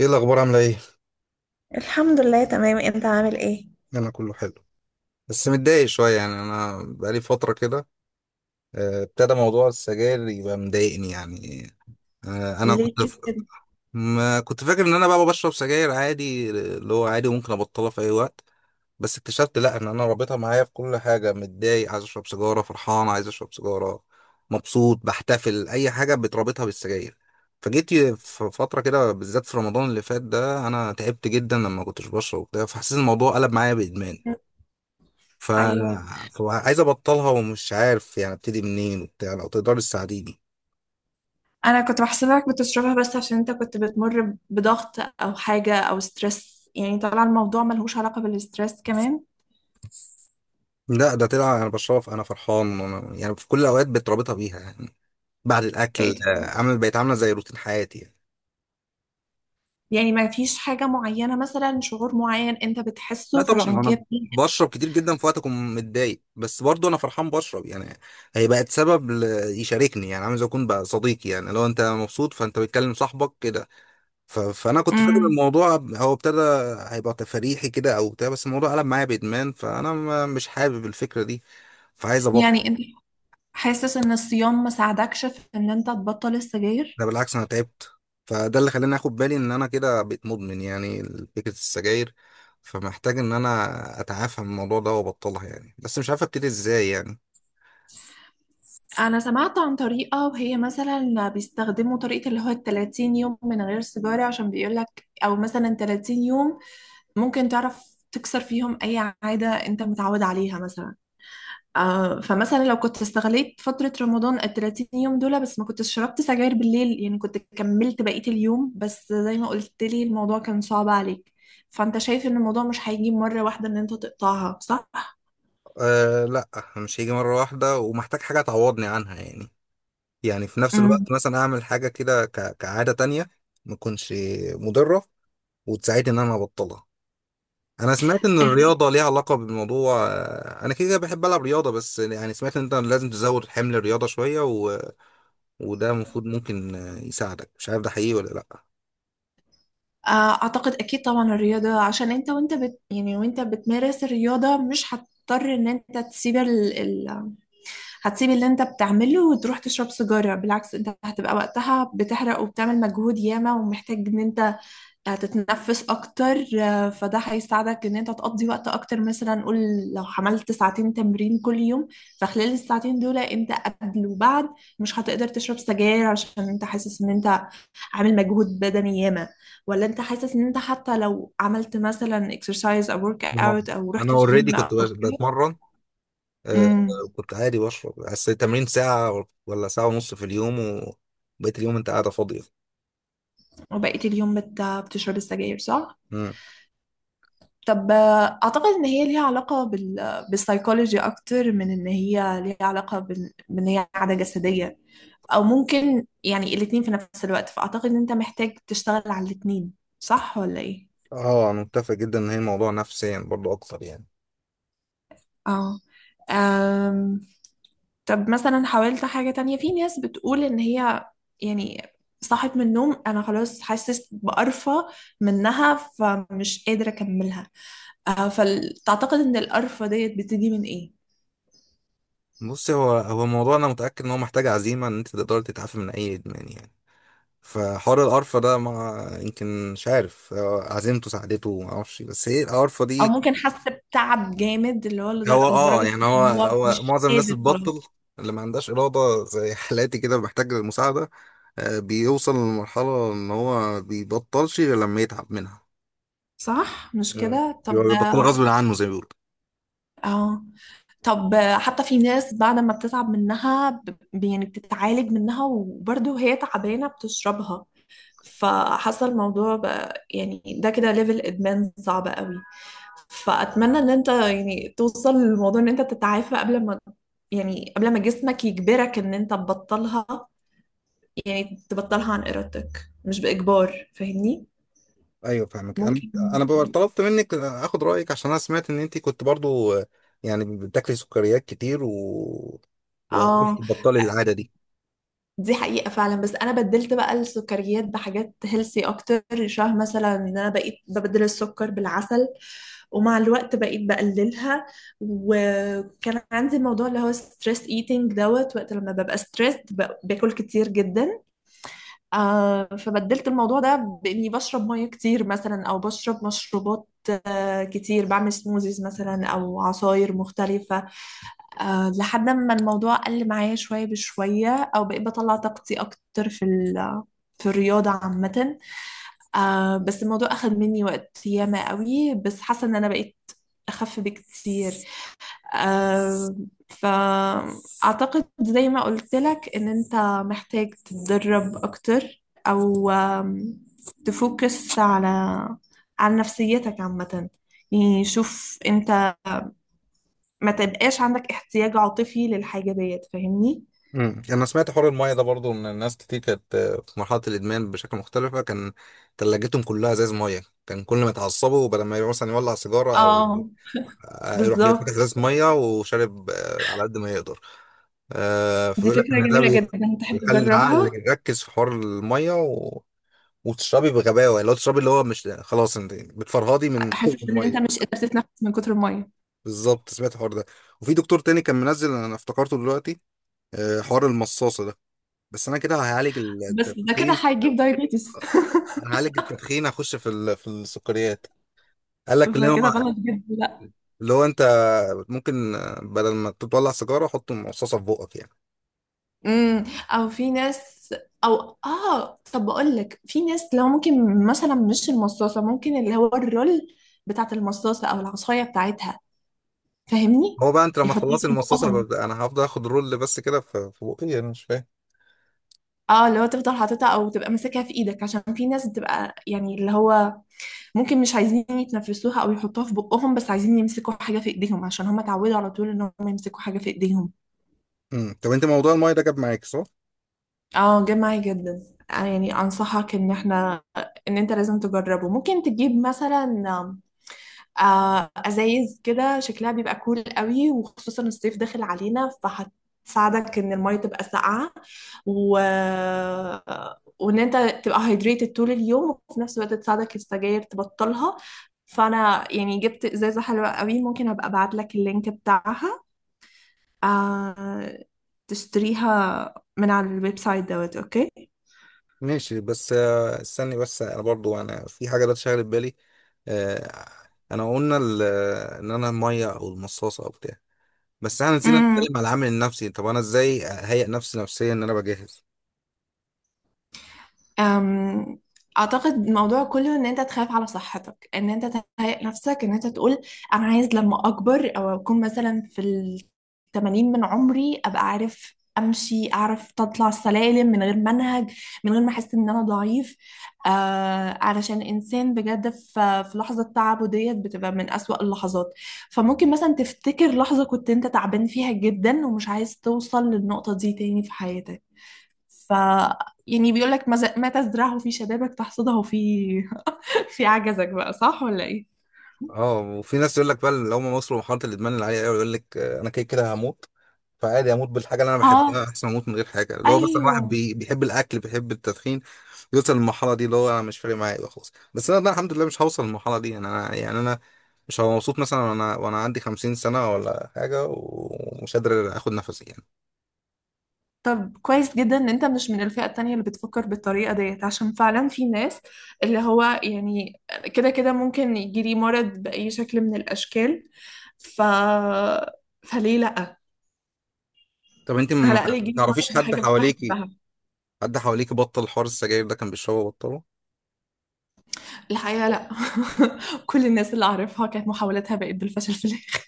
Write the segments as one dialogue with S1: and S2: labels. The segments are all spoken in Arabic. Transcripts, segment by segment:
S1: ايه الاخبار عامله ايه؟
S2: الحمد لله، تمام. انت عامل ايه؟
S1: انا كله حلو. بس متضايق شويه يعني انا بقالي فتره كده. ابتدى موضوع السجاير يبقى مضايقني يعني. انا كنت
S2: ليه؟
S1: ما كنت فاكر ان انا بقى بشرب سجاير عادي اللي هو عادي وممكن ابطلها في اي وقت. بس اكتشفت لا ان انا رابطها معايا في كل حاجه، متضايق عايز اشرب سيجاره، فرحان عايز اشرب سيجاره، مبسوط، بحتفل اي حاجه بتربطها بالسجاير. فجيت في فترة كده بالذات في رمضان اللي فات ده، أنا تعبت جدا لما كنتش بشرب وبتاع، فحسيت الموضوع قلب معايا بإدمان.
S2: كده؟
S1: ف...
S2: أيوة.
S1: فعايز ابطلها ومش عارف يعني ابتدي منين وبتاع، لو تقدر تساعديني.
S2: أنا كنت بحسبك بتشربها بس عشان أنت كنت بتمر بضغط أو حاجة أو ستريس، يعني طلع الموضوع ملهوش علاقة بالستريس كمان.
S1: لا ده طلع انا بشرب انا فرحان، وأنا يعني في كل الاوقات بتربطها بيها يعني. بعد الاكل
S2: بقيت،
S1: عامل، بقت عامله زي روتين حياتي يعني.
S2: يعني ما فيش حاجة معينة مثلا شعور معين أنت
S1: لا
S2: بتحسه
S1: طبعا
S2: فعشان
S1: انا
S2: كده؟
S1: بشرب كتير جدا في وقت اكون متضايق، بس برضو انا فرحان بشرب يعني. هي بقت سبب يشاركني يعني، عامل زي اكون بقى صديقي يعني، لو انت مبسوط فانت بتكلم صاحبك كده. فانا كنت فاكر
S2: امم.
S1: الموضوع هو ابتدى، هيبقى تفريحي كده او بتاع، بس الموضوع قلب معايا بادمان، فانا مش حابب الفكره دي. فعايز ابطل.
S2: يعني أنت حاسس إن الصيام ما ساعدكش في إن أنت تبطل السجاير؟
S1: ده بالعكس، انا تعبت، فده اللي خلاني اخد بالي ان انا كده بقيت مدمن يعني، فكره السجاير. فمحتاج ان انا اتعافى من الموضوع ده وابطلها يعني، بس مش عارف ابتدي ازاي يعني.
S2: أنا سمعت عن طريقة، وهي مثلا بيستخدموا طريقة اللي هو الـ30 يوم من غير سيجارة، عشان بيقولك أو مثلا 30 يوم ممكن تعرف تكسر فيهم أي عادة أنت متعود عليها مثلا. فمثلا لو كنت استغليت فترة رمضان الـ30 يوم دول، بس ما كنتش شربت سجاير بالليل، يعني كنت كملت بقية اليوم. بس زي ما قلت لي الموضوع كان صعب عليك. فأنت شايف إن الموضوع مش هيجي مرة واحدة إن أنت تقطعها، صح؟
S1: أه لا، مش هيجي مره واحده ومحتاج حاجه تعوضني عنها يعني، يعني في نفس
S2: مم.
S1: الوقت مثلا اعمل حاجه كده كعاده تانية، ما تكونش مضره وتساعدني ان انا ابطلها. انا سمعت ان الرياضه ليها علاقه بالموضوع. انا كده كده بحب العب رياضه، بس يعني سمعت ان انت لازم تزود حمل الرياضه شويه وده المفروض ممكن يساعدك، مش عارف ده حقيقي ولا لا.
S2: اعتقد اكيد طبعا الرياضة، عشان انت وانت بت يعني وانت بتمارس الرياضة مش هتضطر ان انت تسيب هتسيب اللي انت بتعمله وتروح تشرب سيجارة. بالعكس انت هتبقى وقتها بتحرق وبتعمل مجهود ياما، ومحتاج ان انت هتتنفس اكتر. فده هيساعدك ان انت تقضي وقت اكتر. مثلا قول لو عملت ساعتين تمرين كل يوم، فخلال الساعتين دول انت قبل وبعد مش هتقدر تشرب سجاير، عشان انت حاسس ان انت عامل مجهود بدني ياما. ولا انت حاسس ان انت حتى لو عملت مثلا اكسرسايز او ورك
S1: آه.
S2: اوت او
S1: انا
S2: رحت
S1: اوريدي
S2: الجيم
S1: كنت
S2: او كده؟
S1: بتمرن. آه،
S2: امم.
S1: كنت عادي بشرب، بس التمرين ساعه ولا ساعه ونص في اليوم، وبقيت اليوم انت قاعده فاضيه.
S2: وبقيت اليوم بتشرب السجاير، صح؟
S1: مم.
S2: طب، اعتقد ان هي ليها علاقه بالسايكولوجي اكتر من ان هي ليها علاقه بان هي عاده جسديه. او ممكن يعني الاتنين في نفس الوقت، فاعتقد ان انت محتاج تشتغل على الاتنين. صح ولا ايه؟
S1: اه انا متفق جدا ان هي موضوع نفسيا برضو اكتر يعني.
S2: اه. أم... طب مثلا حاولت حاجه تانية؟ في ناس بتقول ان هي يعني صحت من النوم انا خلاص حاسس بقرفه منها فمش قادره اكملها. فتعتقد ان القرفه ديت بتيجي من ايه؟
S1: بص، هو هو الموضوع، انا متاكد ان هو محتاج عزيمه ان انت تقدر تتعافى من اي ادمان يعني. فحوار القرفة ده ما يمكن، مش عارف هو عزيمته ساعدته، ما اعرفش، بس هي القرفة
S2: او
S1: دي.
S2: ممكن حاسه بتعب جامد اللي هو
S1: هو اه
S2: لدرجه
S1: يعني هو
S2: ان هو
S1: هو
S2: مش
S1: معظم الناس
S2: قادر
S1: اللي
S2: خلاص.
S1: بتبطل اللي ما عندهاش إرادة زي حالاتي كده محتاج للمساعدة. بيوصل لمرحلة إن هو بيبطلش غير لما يتعب منها.
S2: صح مش
S1: مم.
S2: كده؟ طب،
S1: بيبقى بيبطل غصب عنه زي ما بيقولوا.
S2: اه، طب حتى في ناس بعد ما بتتعب منها يعني بتتعالج منها وبرضه وهي تعبانه بتشربها. فحصل الموضوع بقى، يعني ده كده ليفل ادمان صعب قوي. فاتمنى ان انت يعني توصل للموضوع ان انت تتعافى قبل ما، يعني قبل ما جسمك يجبرك ان انت تبطلها. يعني تبطلها عن إرادتك مش بإجبار، فاهمني؟
S1: ايوه فاهمك انا.
S2: ممكن.
S1: انا بقى طلبت منك اخد رايك عشان انا سمعت ان انت كنت برضو، يعني بتاكلي سكريات كتير، و وعرفتي
S2: اه.
S1: تبطلي العاده دي.
S2: دي حقيقة فعلا، بس أنا بدلت بقى السكريات بحاجات هيلسي أكتر. شبه مثلا إن أنا بقيت ببدل السكر بالعسل، ومع الوقت بقيت بقللها. وكان عندي الموضوع اللي هو ستريس ايتينج دوت وقت لما ببقى ستريس باكل كتير جدا. فبدلت الموضوع ده بإني بشرب مية كتير، مثلا أو بشرب مشروبات كتير. بعمل سموزيز مثلا أو عصاير مختلفة. لحد ما الموضوع قل معايا شوية بشوية، أو بقيت بطلع طاقتي أكتر في الرياضة عامة. بس الموضوع أخد مني وقت ياما قوي، بس حاسة إن أنا بقيت أخف بكتير. آه، فأعتقد زي ما قلت لك إن أنت محتاج تتدرب أكتر، أو آم، تفوكس على نفسيتك عامة. يعني شوف أنت ما تبقاش عندك احتياج عاطفي للحاجة ديت، فاهمني؟
S1: انا سمعت حوار المايه ده برضو من الناس كتير، كانت في مرحله الادمان بشكل مختلفه، كان تلاجتهم كلها ازاز مايه، كان كل ما يتعصبوا بدل ما يروح مثلا يولع سيجاره، او
S2: اه،
S1: يروح يفتح
S2: بالظبط.
S1: ازاز مايه وشارب على قد ما يقدر.
S2: دي
S1: فبيقول لك
S2: فكرة
S1: ان ده
S2: جميلة جدا، تحب
S1: بيخلي العقل
S2: تجربها؟
S1: يركز في حوار المايه وتشربي بغباوه اللي هو تشربي اللي هو مش خلاص، انت بتفرهدي من
S2: حاسس إن أنت
S1: المايه.
S2: مش قادر تتنفس من كتر المية.
S1: بالظبط، سمعت الحوار ده. وفي دكتور تاني كان منزل انا افتكرته دلوقتي، حوار المصاصه ده. بس انا كده هعالج
S2: بس ده كده
S1: التدخين،
S2: هيجيب دايبيتس
S1: هعالج التدخين هخش في في السكريات. قال لك اللي هو،
S2: فكده غلط جدا.
S1: اللي هو انت ممكن بدل ما تطلع سيجاره حط مصاصه في بقك يعني.
S2: امم. او في ناس او اه طب بقول لك، في ناس لو ممكن مثلا مش المصاصه، ممكن اللي هو الرول بتاعت المصاصه او العصايه بتاعتها، فاهمني؟
S1: هو بقى انت لما
S2: يحطوها
S1: تخلصي
S2: في
S1: المصاصه
S2: بقهم.
S1: يبقى انا هفضل اخد رول بس كده في بقي؟ انا مش فاهم.
S2: اه، اللي هو تفضل حاططها او تبقى ماسكها في ايدك. عشان في ناس بتبقى يعني اللي هو ممكن مش عايزين يتنفسوها او يحطوها في بقهم، بس عايزين يمسكوا حاجه في ايديهم، عشان هم اتعودوا على طول ان هم يمسكوا حاجه في ايديهم.
S1: طب انت موضوع المايه ده جاب معاك صح؟
S2: اه، جه معايا جدا. أنا يعني انصحك ان انت لازم تجربه. ممكن تجيب مثلا ازايز كده شكلها بيبقى كول قوي، وخصوصا الصيف داخل علينا، فهتساعدك ان المية تبقى ساقعة و... وان انت تبقى هايدريتد طول اليوم، وفي نفس الوقت تساعدك السجاير تبطلها. فانا يعني جبت ازازة حلوة قوي، ممكن ابقى ابعت لك اللينك بتاعها. آه، تشتريها من على الويب سايت دوت اوكي.
S1: ماشي، بس استني، بس انا برضو انا في حاجه ده شاغله بالي. آه، انا قلنا ان انا المايه او المصاصه او بتاع، بس احنا نسينا نتكلم على العامل النفسي. طب انا ازاي اهيئ نفسي نفسيا ان انا بجهز؟
S2: أم، اعتقد الموضوع كله ان انت تخاف على صحتك، ان انت تهيئ نفسك، ان انت تقول انا عايز لما اكبر او اكون مثلا في الـ80 من عمري ابقى عارف امشي، اعرف اطلع السلالم من غير منهج، من غير ما احس ان انا ضعيف. علشان انسان بجد في لحظه تعبه ديت بتبقى من اسوأ اللحظات. فممكن مثلا تفتكر لحظه كنت انت تعبان فيها جدا، ومش عايز توصل للنقطه دي تاني في حياتك. ف يعني بيقول لك ما ما تزرعه في شبابك تحصده في في عجزك بقى، صح ولا ايه؟
S1: اه، وفي ناس يقول لك بقى اللي هم وصلوا لمرحله الادمان العاليه قوي يقول لك انا كده كده هموت، فعادي اموت بالحاجه اللي انا
S2: اه،
S1: بحبها احسن ما اموت من غير حاجه، اللي هو مثلا
S2: ايوه.
S1: واحد بيحب الاكل بيحب التدخين، يوصل للمرحله دي اللي هو انا مش فارق معايا يبقى خلاص. بس انا ده الحمد لله مش هوصل للمرحله دي يعني، انا يعني انا مش هبقى مبسوط مثلا وانا عندي 50 سنه ولا حاجه ومش قادر اخد نفسي يعني.
S2: طب كويس جدا ان انت مش من الفئة التانية اللي بتفكر بالطريقة ديت، عشان فعلا في ناس اللي هو يعني كده كده ممكن يجيلي مرض بأي شكل من الأشكال. ف فليه لأ؟
S1: طب انت
S2: على
S1: ما
S2: الأقل يجيلي
S1: تعرفيش
S2: مرض بحاجة بحبها.
S1: حد حواليكي بطل حوار السجاير ده، كان بيشربه بطله؟
S2: الحقيقة لأ. كل الناس اللي أعرفها كانت محاولاتها بقت بالفشل في الآخر.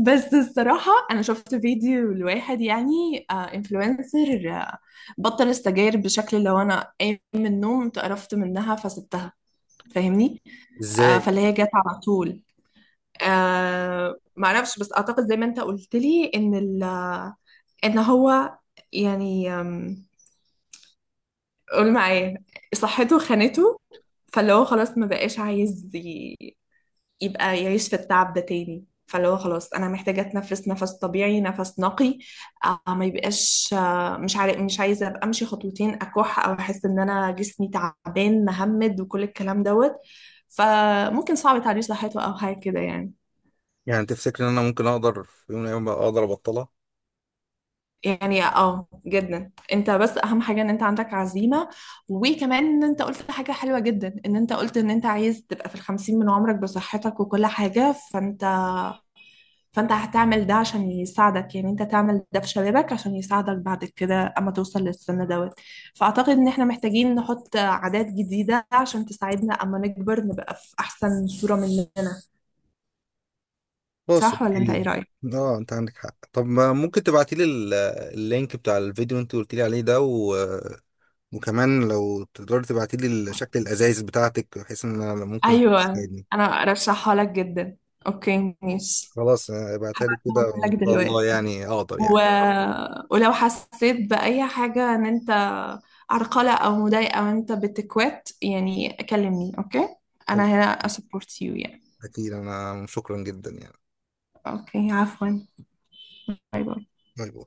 S2: بس الصراحة أنا شفت فيديو لواحد يعني انفلونسر بطل السجاير بشكل، لو أنا قايم من النوم اتقرفت منها فسبتها، فاهمني؟
S1: ازاي
S2: فاللي هي جت على طول. معرفش، بس أعتقد زي ما أنت قلت لي إن ال آه، إن هو يعني قول معايا صحته خانته. فاللي هو خلاص ما بقاش عايز يبقى يعيش في التعب ده تاني. فاللي هو خلاص انا محتاجه اتنفس نفس طبيعي نفس نقي. ما يبقاش مش عارف، مش عايزه ابقى امشي خطوتين اكح، او احس ان انا جسمي تعبان مهمد وكل الكلام دوت. فممكن صعب تعديل صحته او حاجه كده يعني.
S1: يعني؟ تفتكر ان انا ممكن اقدر في يوم من الايام أبقى اقدر ابطلها؟
S2: يعني اه جدا، انت بس اهم حاجه ان انت عندك عزيمه. وكمان ان انت قلت حاجه حلوه جدا، ان انت قلت ان انت عايز تبقى في الـ50 من عمرك بصحتك وكل حاجه. فانت هتعمل ده عشان يساعدك، يعني انت تعمل ده في شبابك عشان يساعدك بعد كده اما توصل للسن دوت. فاعتقد ان احنا محتاجين نحط عادات جديدة عشان تساعدنا اما نكبر، نبقى في احسن صورة مننا.
S1: خلاص
S2: صح، ولا انت ايه
S1: اوكي.
S2: رأيك؟
S1: اه انت عندك حق. طب ما ممكن تبعتي لي اللينك بتاع الفيديو اللي انت قلت لي عليه ده، وكمان لو تقدري تبعتي لي شكل الازايز بتاعتك بحيث ان انا ممكن
S2: ايوه.
S1: تساعدني.
S2: انا ارشحها لك جدا. اوكي، ماشي.
S1: خلاص، ابعتها لي كده
S2: هبعتهم لك
S1: وان شاء الله
S2: دلوقتي.
S1: يعني اقدر
S2: و...
S1: يعني.
S2: ولو حسيت بأي حاجة ان انت عرقلة او مضايقة وانت بتكوت، يعني كلمني، اوكي. انا
S1: خلاص
S2: هنا اسبورت يو يعني.
S1: اكيد، انا شكرا جدا يعني.
S2: اوكي، عفوا. باي باي.
S1: باي باي.